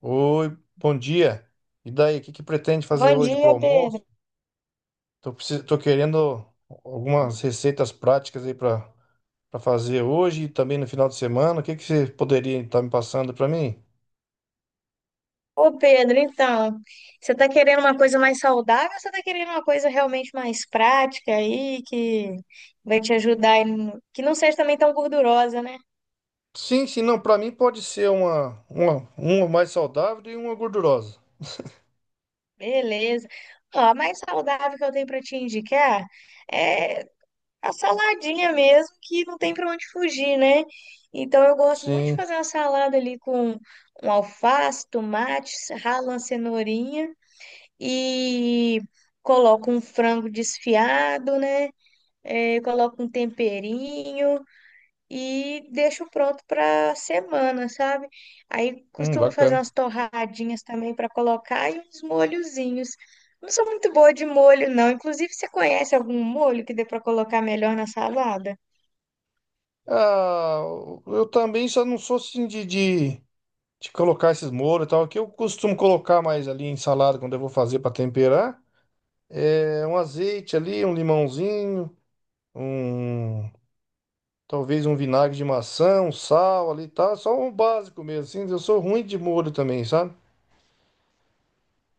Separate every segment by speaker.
Speaker 1: Oi, bom dia. E daí, o que que pretende fazer
Speaker 2: Bom
Speaker 1: hoje pro
Speaker 2: dia,
Speaker 1: almoço?
Speaker 2: Pedro.
Speaker 1: Tô querendo algumas receitas práticas aí para fazer hoje e também no final de semana. O que que você poderia estar me passando para mim?
Speaker 2: Ô, Pedro, então, você tá querendo uma coisa mais saudável ou você tá querendo uma coisa realmente mais prática aí, que vai te ajudar, aí no- que não seja também tão gordurosa, né?
Speaker 1: Sim, sim, não, para mim pode ser uma mais saudável e uma gordurosa.
Speaker 2: Beleza. Ó, a mais saudável que eu tenho pra te indicar é a saladinha mesmo, que não tem pra onde fugir, né? Então, eu gosto muito de
Speaker 1: Sim,
Speaker 2: fazer uma salada ali com um alface, tomate, ralo uma cenourinha. E coloco um frango desfiado, né? É, coloco um temperinho e deixo pronto para semana, sabe? Aí costumo fazer
Speaker 1: bacana.
Speaker 2: umas torradinhas também para colocar e uns molhozinhos. Não sou muito boa de molho, não. Inclusive, você conhece algum molho que dê para colocar melhor na salada?
Speaker 1: Ah, eu também só não sou assim de colocar esses molhos e tal, que eu costumo colocar mais ali em salada quando eu vou fazer para temperar. É, um azeite ali, um limãozinho, um talvez um vinagre de maçã, um sal ali, tá? Só um básico mesmo, assim. Eu sou ruim de molho também, sabe?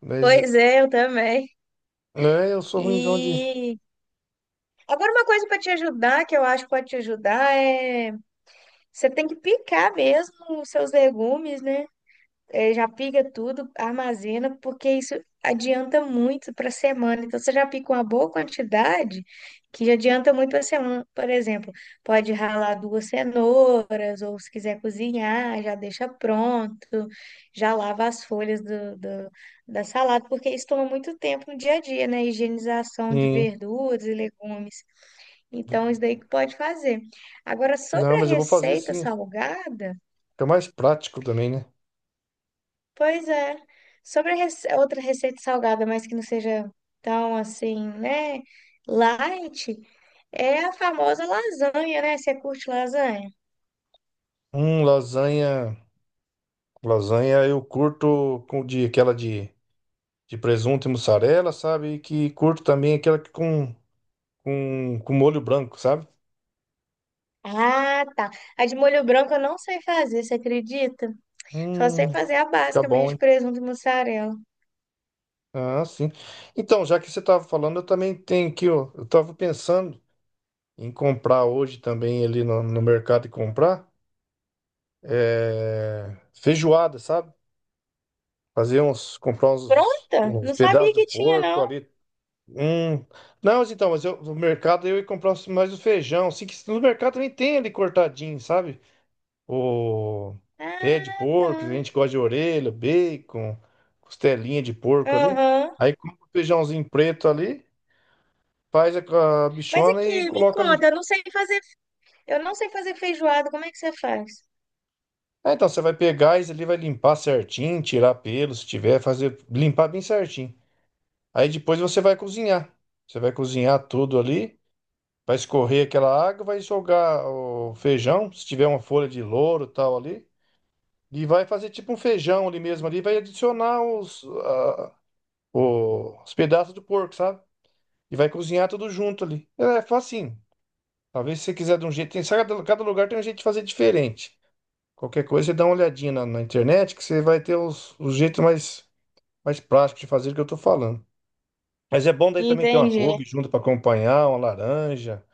Speaker 1: Mas
Speaker 2: Pois é, eu também.
Speaker 1: é, eu sou ruimzão de.
Speaker 2: E agora uma coisa para te ajudar, que eu acho que pode te ajudar, é você tem que picar mesmo os seus legumes, né? Já pica tudo, armazena, porque isso adianta muito para a semana. Então, você já pica uma boa quantidade, que já adianta muito para a semana. Por exemplo, pode ralar duas cenouras, ou se quiser cozinhar, já deixa pronto, já lava as folhas da salada, porque isso toma muito tempo no dia a dia, né? Higienização de
Speaker 1: Sim.
Speaker 2: verduras e legumes. Então, isso daí que pode fazer. Agora,
Speaker 1: Não,
Speaker 2: sobre
Speaker 1: mas
Speaker 2: a
Speaker 1: eu vou fazer
Speaker 2: receita
Speaker 1: assim.
Speaker 2: salgada.
Speaker 1: Fica mais prático também, né?
Speaker 2: Pois é. Sobre a outra receita salgada, mas que não seja tão assim, né? Light, é a famosa lasanha, né? Você curte lasanha?
Speaker 1: Lasanha. Lasanha eu curto com de aquela de presunto e mussarela, sabe? E que curto também aquela com molho branco, sabe?
Speaker 2: Ah, tá. A de molho branco eu não sei fazer, você acredita? Só sei
Speaker 1: Hum,
Speaker 2: fazer a
Speaker 1: fica
Speaker 2: básica mesmo,
Speaker 1: bom,
Speaker 2: de
Speaker 1: hein?
Speaker 2: presunto e mussarela.
Speaker 1: Ah, sim. Então, já que você estava falando, eu também tenho aqui, ó, eu estava pensando em comprar hoje também ali no mercado e comprar é, feijoada, sabe? Fazer uns, comprar uns,
Speaker 2: Pronta?
Speaker 1: uns
Speaker 2: Não
Speaker 1: pedaços
Speaker 2: sabia
Speaker 1: de
Speaker 2: que tinha,
Speaker 1: porco
Speaker 2: não.
Speaker 1: ali. Hum. Não, mas então, mas eu, no mercado eu ia mais o feijão. Assim, que no mercado também tem ali cortadinho, sabe? O pé de
Speaker 2: Ah, tá.
Speaker 1: porco, a gente gosta de orelha, bacon, costelinha de porco ali.
Speaker 2: Aham.
Speaker 1: Aí compra o feijãozinho preto ali. Faz a
Speaker 2: Mas
Speaker 1: bichona e
Speaker 2: aqui, me
Speaker 1: coloca ali.
Speaker 2: conta, eu não sei fazer, eu não sei fazer feijoada, como é que você faz?
Speaker 1: Ah, então você vai pegar isso ali, vai limpar certinho, tirar pelo, se tiver, fazer limpar bem certinho. Aí depois você vai cozinhar. Você vai cozinhar tudo ali, vai escorrer aquela água, vai jogar o feijão, se tiver uma folha de louro e tal ali, e vai fazer tipo um feijão ali mesmo ali, vai adicionar os pedaços do porco, sabe? E vai cozinhar tudo junto ali. É facinho. Talvez se você quiser de um jeito, tem, cada lugar tem um jeito de fazer diferente. Qualquer coisa, você dá uma olhadinha na internet, que você vai ter os jeitos mais práticos de fazer o que eu tô falando. Mas é bom daí também ter uma
Speaker 2: Entendi.
Speaker 1: couve junto para acompanhar, uma laranja,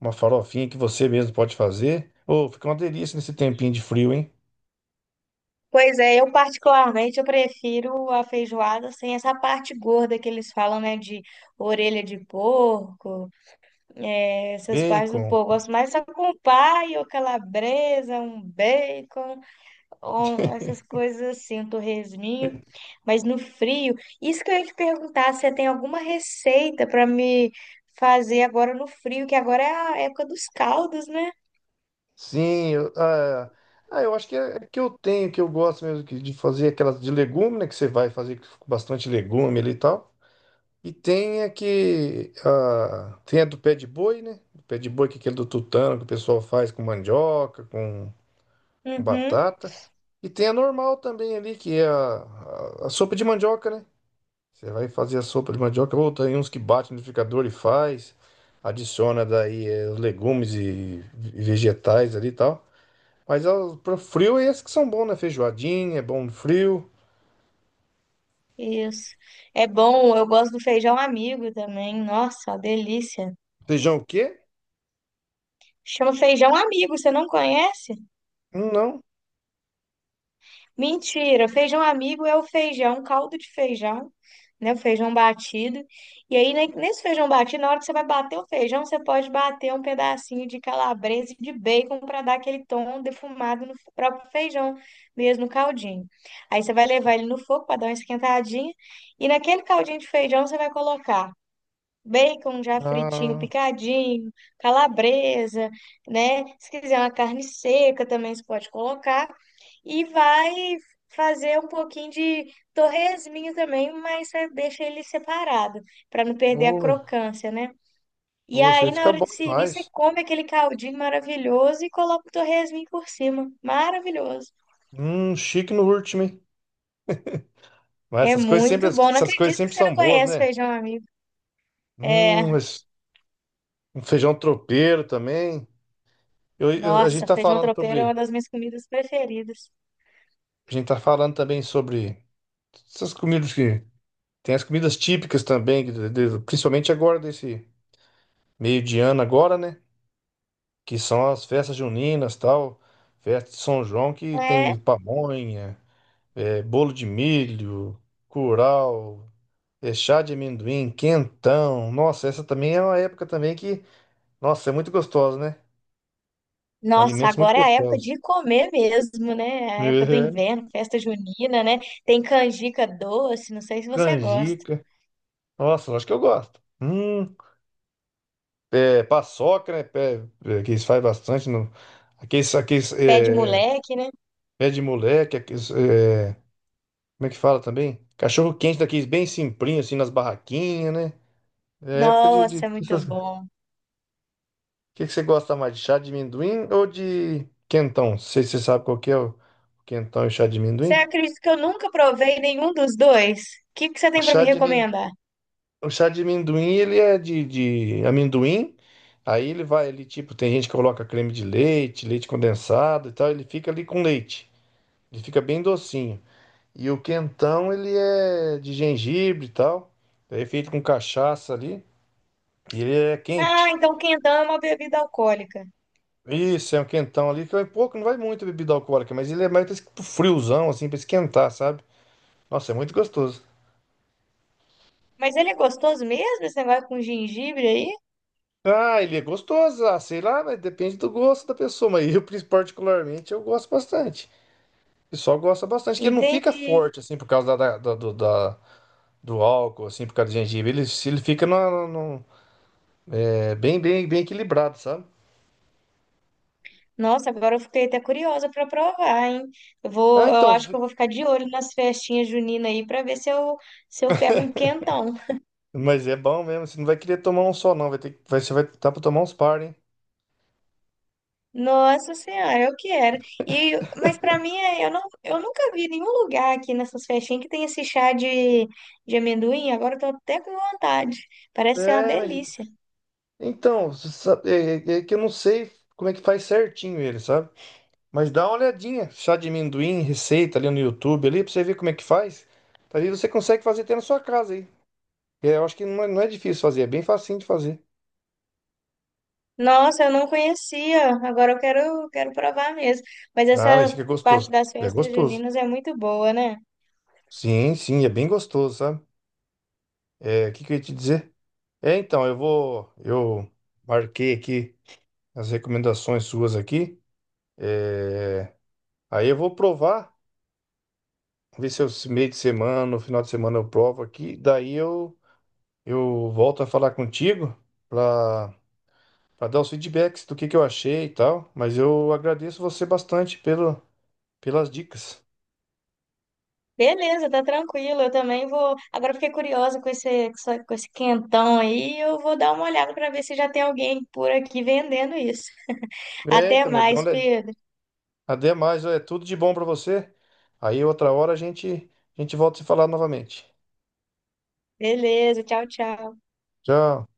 Speaker 1: uma farofinha que você mesmo pode fazer. Ô, fica uma delícia nesse tempinho de frio, hein?
Speaker 2: Pois é, eu particularmente eu prefiro a feijoada sem essa parte gorda que eles falam, né, de orelha de porco, essas partes do
Speaker 1: Bacon.
Speaker 2: porco. Gosto mais só com paio, calabresa, um bacon, essas coisas assim, um torresminho, mas no frio. Isso que eu ia te perguntar, se você tem alguma receita para me fazer agora no frio, que agora é a época dos caldos, né?
Speaker 1: Sim, eu, ah, ah, eu acho que é que eu tenho, que eu gosto mesmo de fazer aquelas de legume, né? Que você vai fazer com bastante legume ali e tal. E tem tem a do pé de boi, né? O pé de boi, que é aquele do tutano que o pessoal faz com mandioca, com
Speaker 2: Uhum.
Speaker 1: batata. E tem a normal também ali, que é a sopa de mandioca, né? Você vai fazer a sopa de mandioca, ou tem uns que bate no liquidificador e faz, adiciona daí os legumes e vegetais ali e tal. Mas ó, pro frio é esses que são bons, né? Feijoadinha, é bom no frio.
Speaker 2: Isso. É bom, eu gosto do feijão amigo também. Nossa, uma delícia.
Speaker 1: Feijão o quê?
Speaker 2: Chama feijão amigo, você não conhece?
Speaker 1: Não.
Speaker 2: Mentira, feijão amigo é o feijão, caldo de feijão, né? O feijão batido. E aí, nesse feijão batido, na hora que você vai bater o feijão, você pode bater um pedacinho de calabresa e de bacon para dar aquele tom defumado no próprio feijão, mesmo no caldinho. Aí você vai levar ele no fogo para dar uma esquentadinha. E naquele caldinho de feijão, você vai colocar bacon já fritinho,
Speaker 1: Ah,
Speaker 2: picadinho, calabresa, né? Se quiser uma carne seca também você pode colocar. E vai fazer um pouquinho de torresminho também, mas você deixa ele separado, para não perder a
Speaker 1: ô,
Speaker 2: crocância, né? E
Speaker 1: ô, isso aí
Speaker 2: aí, na
Speaker 1: fica
Speaker 2: hora
Speaker 1: bom
Speaker 2: de servir, você
Speaker 1: demais.
Speaker 2: come aquele caldinho maravilhoso e coloca o torresminho por cima. Maravilhoso.
Speaker 1: Chique no último, hein? Mas
Speaker 2: É muito bom. Não
Speaker 1: essas coisas
Speaker 2: acredito que
Speaker 1: sempre
Speaker 2: você não
Speaker 1: são boas,
Speaker 2: conhece
Speaker 1: né?
Speaker 2: feijão, amigo. É,
Speaker 1: Mas um feijão tropeiro também. A gente
Speaker 2: nossa,
Speaker 1: tá
Speaker 2: feijão
Speaker 1: falando
Speaker 2: tropeiro é uma das minhas comidas preferidas.
Speaker 1: a gente tá falando também sobre essas comidas que tem as comidas típicas também, que principalmente agora desse meio de ano agora, né? Que são as festas juninas, tal, festa de São João, que
Speaker 2: É.
Speaker 1: tem pamonha, é, bolo de milho, curau, é, chá de amendoim, quentão. Nossa, essa também é uma época também que... Nossa, é muito gostoso, né?
Speaker 2: Nossa,
Speaker 1: Alimentos muito
Speaker 2: agora é a época
Speaker 1: gostosos.
Speaker 2: de comer mesmo, né? A época do
Speaker 1: É,
Speaker 2: inverno, festa junina, né? Tem canjica doce, não sei se você gosta.
Speaker 1: canjica. Nossa, acho que eu gosto. É, paçoca, né? Pé, é, que eles fazem bastante. No,
Speaker 2: Pé de
Speaker 1: é,
Speaker 2: moleque, né?
Speaker 1: pé de moleque. Aqueles, é, como é que fala também? Cachorro quente daqueles bem simplinho, assim, nas barraquinhas, né? É época
Speaker 2: Nossa,
Speaker 1: de
Speaker 2: muito
Speaker 1: o
Speaker 2: bom.
Speaker 1: que você gosta mais, de chá de amendoim ou de quentão? Não sei se você sabe qual que é o quentão e o chá de
Speaker 2: Você
Speaker 1: amendoim.
Speaker 2: acredita que eu nunca provei nenhum dos dois? O que que você
Speaker 1: O
Speaker 2: tem para
Speaker 1: chá
Speaker 2: me
Speaker 1: de amendoim...
Speaker 2: recomendar?
Speaker 1: O chá de amendoim, ele é de amendoim. Aí ele vai, ele tipo, tem gente que coloca creme de leite, leite condensado e tal, ele fica ali com leite. Ele fica bem docinho. E o quentão, ele é de gengibre e tal. É feito com cachaça ali. E ele é
Speaker 2: Ah,
Speaker 1: quente.
Speaker 2: então quentão é uma bebida alcoólica.
Speaker 1: Isso, é um quentão ali, que é pouco, não vai muito bebida alcoólica, mas ele é mais pra pro friozão, assim, pra esquentar, sabe? Nossa, é muito gostoso.
Speaker 2: Mas ele é gostoso mesmo, esse negócio com gengibre aí?
Speaker 1: Ah, ele é gostoso, ah, sei lá, mas depende do gosto da pessoa, mas eu, particularmente, eu gosto bastante. O pessoal gosta bastante, que ele não fica forte, assim, por causa da, do álcool, assim, por causa do gengibre. Ele, se ele fica é, bem equilibrado, sabe?
Speaker 2: Nossa, agora eu fiquei até curiosa para provar, hein? Eu vou,
Speaker 1: Ah,
Speaker 2: eu
Speaker 1: então,
Speaker 2: acho que eu vou ficar de olho nas festinhas juninas aí para ver se se eu pego um quentão.
Speaker 1: mas é bom mesmo. Você não vai querer tomar um só, não. Vai ter, vai, você vai estar pra tomar uns par, hein?
Speaker 2: Nossa Senhora, eu quero. E, mas para mim, eu não, eu nunca vi nenhum lugar aqui nessas festinhas que tem esse chá de amendoim. Agora eu tô até com vontade. Parece ser uma
Speaker 1: É, mas
Speaker 2: delícia.
Speaker 1: então, você sabe, é, é que eu não sei como é que faz certinho ele, sabe? Mas dá uma olhadinha, chá de amendoim, receita ali no YouTube, ali, pra você ver como é que faz. Ali você consegue fazer até na sua casa, aí. É, eu acho que não é difícil fazer, é bem facinho de fazer.
Speaker 2: Nossa, eu não conhecia. Agora eu quero, quero provar mesmo. Mas
Speaker 1: Ah, mas
Speaker 2: essa
Speaker 1: fica
Speaker 2: parte
Speaker 1: gostoso.
Speaker 2: das
Speaker 1: É
Speaker 2: festas
Speaker 1: gostoso.
Speaker 2: juninas é muito boa, né?
Speaker 1: Sim, sim, é bem gostoso, sabe? É, o que que eu ia te dizer? É, então, eu vou. Eu marquei aqui as recomendações suas aqui. É, aí eu vou provar, ver se eu, esse meio de semana, no final de semana eu provo aqui. Daí eu volto a falar contigo para dar os feedbacks do que eu achei e tal. Mas eu agradeço você bastante pelas dicas.
Speaker 2: Beleza, tá tranquilo. Eu também vou. Agora eu fiquei curiosa com esse, com esse quentão aí. Eu vou dar uma olhada para ver se já tem alguém por aqui vendendo isso.
Speaker 1: É,
Speaker 2: Até
Speaker 1: então, mas dá uma
Speaker 2: mais,
Speaker 1: olhadinha.
Speaker 2: Pedro.
Speaker 1: Até mais, é tudo de bom pra você. Aí outra hora a gente volta a se falar novamente.
Speaker 2: Beleza, tchau, tchau.
Speaker 1: Tchau.